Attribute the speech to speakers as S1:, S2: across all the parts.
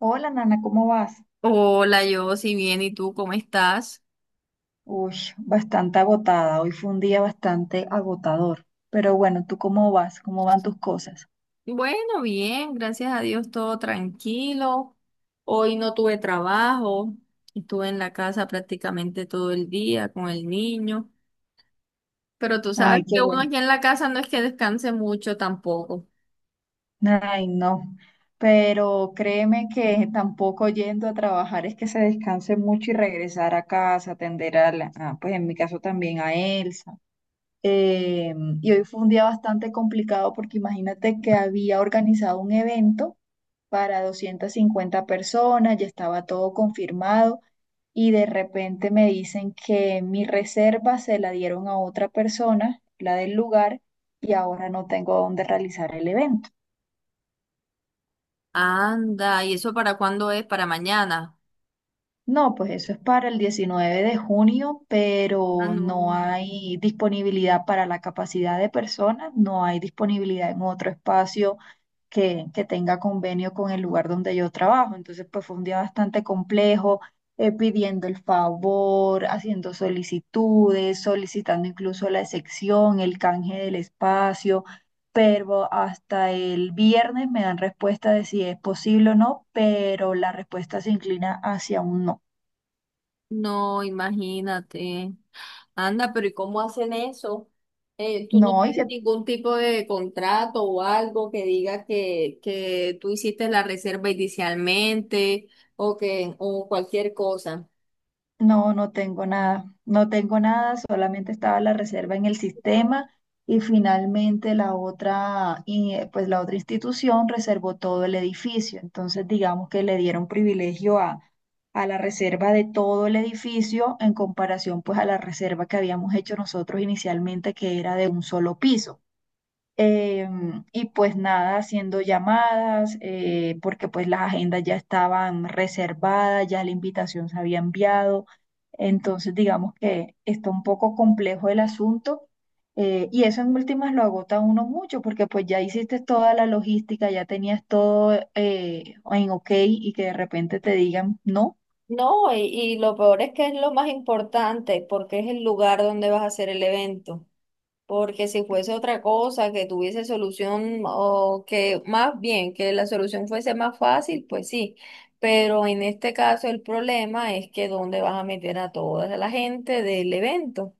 S1: Hola, Nana, ¿cómo vas?
S2: Hola, yo, si bien, ¿y tú cómo estás?
S1: Uy, bastante agotada. Hoy fue un día bastante agotador. Pero bueno, ¿tú cómo vas? ¿Cómo van tus cosas?
S2: Bueno, bien, gracias a Dios, todo tranquilo. Hoy no tuve trabajo, estuve en la casa prácticamente todo el día con el niño, pero tú sabes
S1: Ay, qué
S2: que uno
S1: bueno.
S2: aquí en la casa no es que descanse mucho tampoco.
S1: Ay, no. Pero créeme que tampoco yendo a trabajar es que se descanse mucho y regresar a casa, atender pues en mi caso también a Elsa. Eh, y hoy fue un día bastante complicado porque imagínate que había organizado un evento para 250 personas, ya estaba todo confirmado y de repente me dicen que mi reserva se la dieron a otra persona, la del lugar, y ahora no tengo dónde realizar el evento.
S2: Anda, ¿y eso para cuándo es? ¿Para mañana?
S1: No, pues eso es para el 19 de junio,
S2: Ah,
S1: pero
S2: no,
S1: no hay disponibilidad para la capacidad de personas, no hay disponibilidad en otro espacio que tenga convenio con el lugar donde yo trabajo. Entonces, pues fue un día bastante complejo, pidiendo el favor, haciendo solicitudes, solicitando incluso la excepción, el canje del espacio, pero hasta el viernes me dan respuesta de si es posible o no, pero la respuesta se inclina hacia un no.
S2: no, imagínate. Anda, pero ¿y cómo hacen eso? ¿Tú no
S1: No,
S2: tienes ningún tipo de contrato o algo que diga que tú hiciste la reserva inicialmente o que o cualquier cosa?
S1: no, no tengo nada, no tengo nada, solamente estaba la reserva en el sistema y finalmente pues la otra institución reservó todo el edificio. Entonces, digamos que le dieron privilegio a la reserva de todo el edificio en comparación pues a la reserva que habíamos hecho nosotros inicialmente, que era de un solo piso. Eh, y pues nada, haciendo llamadas, porque pues las agendas ya estaban reservadas, ya la invitación se había enviado. Entonces, digamos que está un poco complejo el asunto. Y eso en últimas lo agota a uno mucho, porque pues ya hiciste toda la logística, ya tenías todo en ok y que de repente te digan no.
S2: No, y lo peor es que es lo más importante porque es el lugar donde vas a hacer el evento. Porque si fuese otra cosa que tuviese solución o que más bien que la solución fuese más fácil, pues sí. Pero en este caso el problema es que dónde vas a meter a toda la gente del evento.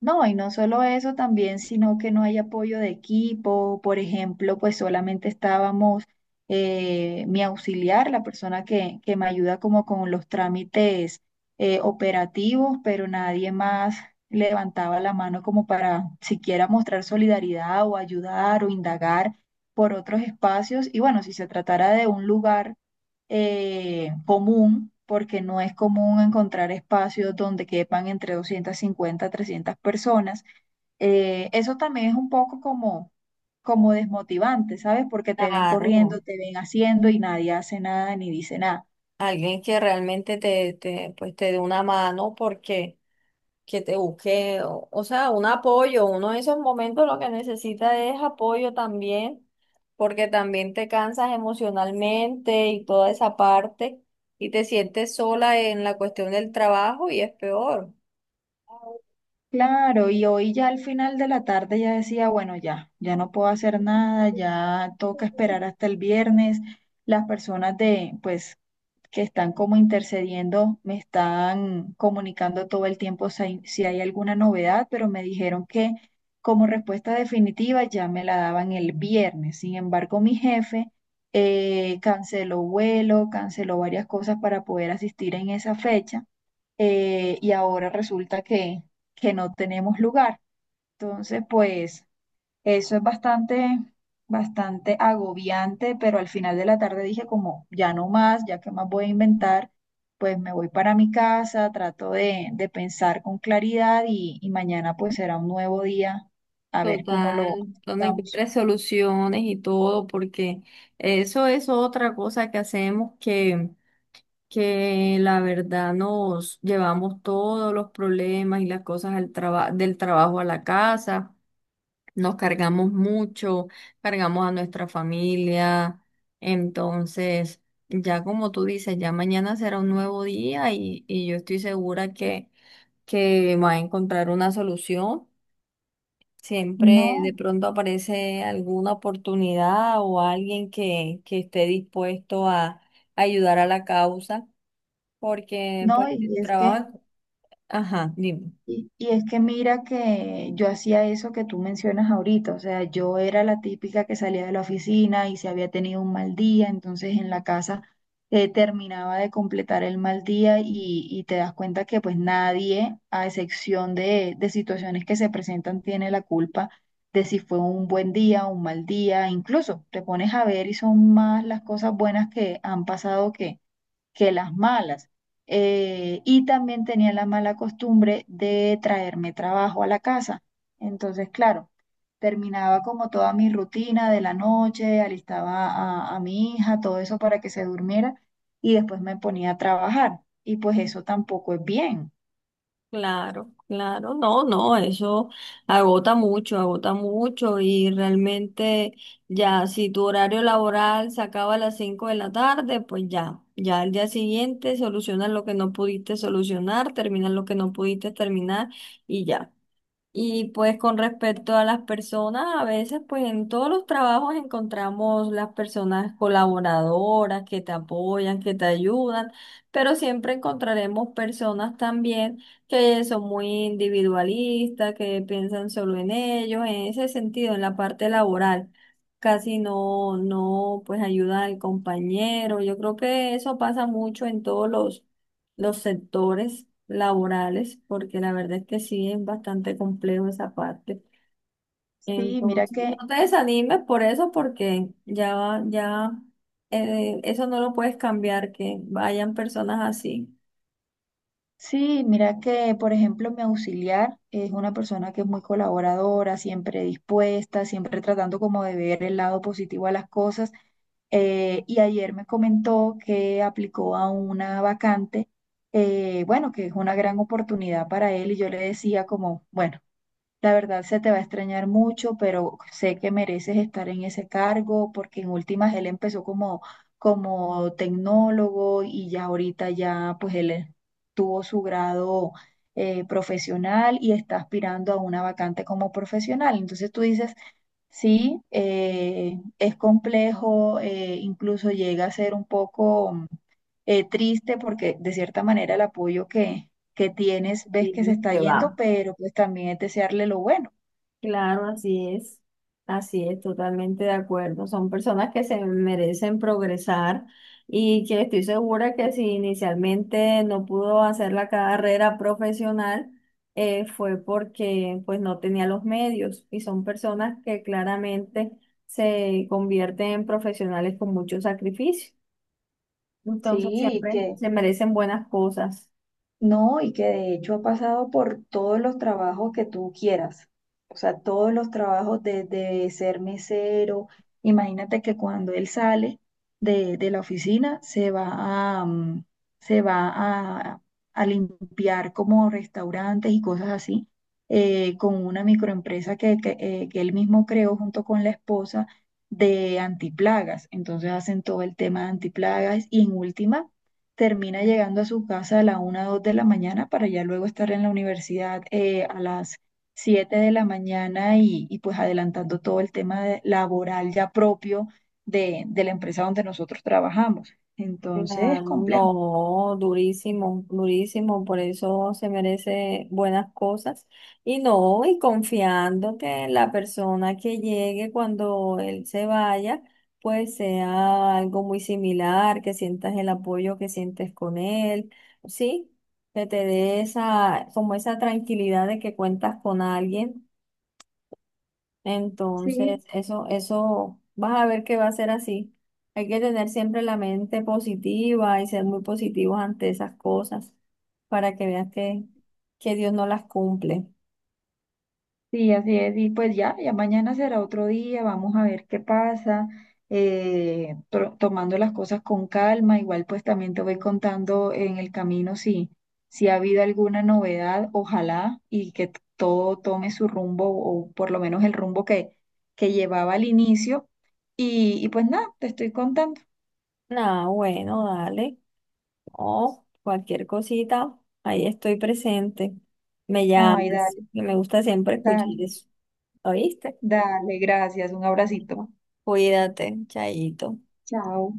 S1: No, y no solo eso también, sino que no hay apoyo de equipo. Por ejemplo, pues solamente estábamos mi auxiliar, la persona que me ayuda como con los trámites operativos, pero nadie más levantaba la mano como para siquiera mostrar solidaridad o ayudar o indagar por otros espacios. Y bueno, si se tratara de un lugar común, porque no es común encontrar espacios donde quepan entre 250 a 300 personas. Eso también es un poco como desmotivante, ¿sabes? Porque te ven
S2: Claro,
S1: corriendo, te ven haciendo y nadie hace nada ni dice nada.
S2: alguien que realmente pues te dé una mano porque que te busque, o sea, un apoyo. Uno en esos momentos lo que necesita es apoyo también, porque también te cansas emocionalmente y toda esa parte, y te sientes sola en la cuestión del trabajo y es peor.
S1: Claro, y hoy ya al final de la tarde ya decía, bueno, ya, ya no puedo hacer nada, ya toca esperar hasta el viernes. Las personas que están como intercediendo, me están comunicando todo el tiempo si hay alguna novedad, pero me dijeron que como respuesta definitiva ya me la daban el viernes. Sin embargo, mi jefe canceló vuelo, canceló varias cosas para poder asistir en esa fecha y ahora resulta que, no tenemos lugar. Entonces, pues... Eso es bastante, bastante agobiante, pero al final de la tarde dije como, ya no más, ya que más voy a inventar, pues me voy para mi casa, trato de pensar con claridad y mañana pues será un nuevo día, a ver cómo
S2: Total,
S1: lo
S2: donde
S1: estamos.
S2: encuentres soluciones y todo, porque eso es otra cosa que hacemos que la verdad nos llevamos todos los problemas y las cosas al traba- del trabajo a la casa, nos cargamos mucho, cargamos a nuestra familia, entonces ya como tú dices, ya mañana será un nuevo día y yo estoy segura que va a encontrar una solución. Siempre
S1: No,
S2: de pronto aparece alguna oportunidad o alguien que esté dispuesto a ayudar a la causa porque
S1: no,
S2: pues el
S1: y es que
S2: trabajo, ajá, dime.
S1: Y, y es que mira que yo hacía eso que tú mencionas ahorita, o sea, yo era la típica que salía de la oficina y si había tenido un mal día, entonces en la casa terminaba de completar el mal día y te das cuenta que pues nadie, a excepción de situaciones que se presentan, tiene la culpa de si fue un buen día o un mal día, incluso te pones a ver y son más las cosas buenas que han pasado que las malas. Y también tenía la mala costumbre de traerme trabajo a la casa. Entonces, claro, terminaba como toda mi rutina de la noche, alistaba a mi hija, todo eso para que se durmiera y después me ponía a trabajar. Y pues eso tampoco es bien.
S2: Claro, claro, no, no, eso agota mucho y realmente ya si tu horario laboral se acaba a las 5 de la tarde, pues ya, ya al día siguiente solucionas lo que no pudiste solucionar, terminas lo que no pudiste terminar y ya. Y pues con respecto a las personas, a veces pues en todos los trabajos encontramos las personas colaboradoras que te apoyan, que te ayudan, pero siempre encontraremos personas también que son muy individualistas, que piensan solo en ellos, en ese sentido, en la parte laboral. Casi no, no, pues ayuda al compañero. Yo creo que eso pasa mucho en todos los sectores laborales, porque la verdad es que sí es bastante complejo esa parte.
S1: Sí, mira
S2: Entonces, no
S1: que,
S2: te desanimes por eso, porque ya, va- ya eso no lo puedes cambiar, que vayan personas así.
S1: sí, mira que, por ejemplo, mi auxiliar es una persona que es muy colaboradora, siempre dispuesta, siempre tratando como de ver el lado positivo a las cosas. Y ayer me comentó que aplicó a una vacante, bueno, que es una gran oportunidad para él y yo le decía como, bueno, la verdad se te va a extrañar mucho, pero sé que mereces estar en ese cargo porque en últimas él empezó como, como tecnólogo y ya ahorita ya pues él tuvo su grado profesional y está aspirando a una vacante como profesional. Entonces tú dices, sí, es complejo, incluso llega a ser un poco triste porque de cierta manera el apoyo que tienes ves que se
S2: Y
S1: está
S2: se
S1: yendo,
S2: va.
S1: pero pues también es desearle lo bueno.
S2: Claro, así es, totalmente de acuerdo. Son personas que se merecen progresar y que estoy segura que si inicialmente no pudo hacer la carrera profesional, fue porque pues no tenía los medios y son personas que claramente se convierten en profesionales con mucho sacrificio. Entonces
S1: Sí,
S2: siempre
S1: que,
S2: se merecen buenas cosas.
S1: No, y que de hecho ha pasado por todos los trabajos que tú quieras. O sea, todos los trabajos desde ser mesero. Imagínate que cuando él sale de la oficina, se va a, se va a, limpiar como restaurantes y cosas así, con una microempresa que él mismo creó junto con la esposa de antiplagas. Entonces hacen todo el tema de antiplagas y en última termina llegando a su casa a la una o 2 de la mañana para ya luego estar en la universidad a las 7 de la mañana y pues adelantando todo el tema laboral ya propio de la empresa donde nosotros trabajamos. Entonces es
S2: Claro,
S1: complejo.
S2: no, durísimo, durísimo, por eso se merece buenas cosas. Y no, y confiando que la persona que llegue cuando él se vaya, pues sea algo muy similar, que sientas el apoyo que sientes con él, ¿sí? Que te dé esa, como esa tranquilidad de que cuentas con alguien
S1: Sí,
S2: entonces, eso, vas a ver que va a ser así. Hay que tener siempre la mente positiva y ser muy positivos ante esas cosas para que veas que Dios no las cumple.
S1: sí, así es. Y pues ya, ya mañana será otro día, vamos a ver qué pasa, tomando las cosas con calma. Igual pues también te voy contando en el camino si ha habido alguna novedad, ojalá, y que todo tome su rumbo o por lo menos el rumbo que llevaba al inicio. Y, pues nada, te estoy contando.
S2: Nada, bueno, dale. Oh, cualquier cosita, ahí estoy presente. Me
S1: Ay,
S2: llamas,
S1: dale,
S2: que me gusta siempre escuchar
S1: dale,
S2: eso. ¿Oíste?
S1: dale, gracias, un abracito.
S2: Bueno, cuídate, chaito.
S1: Chao.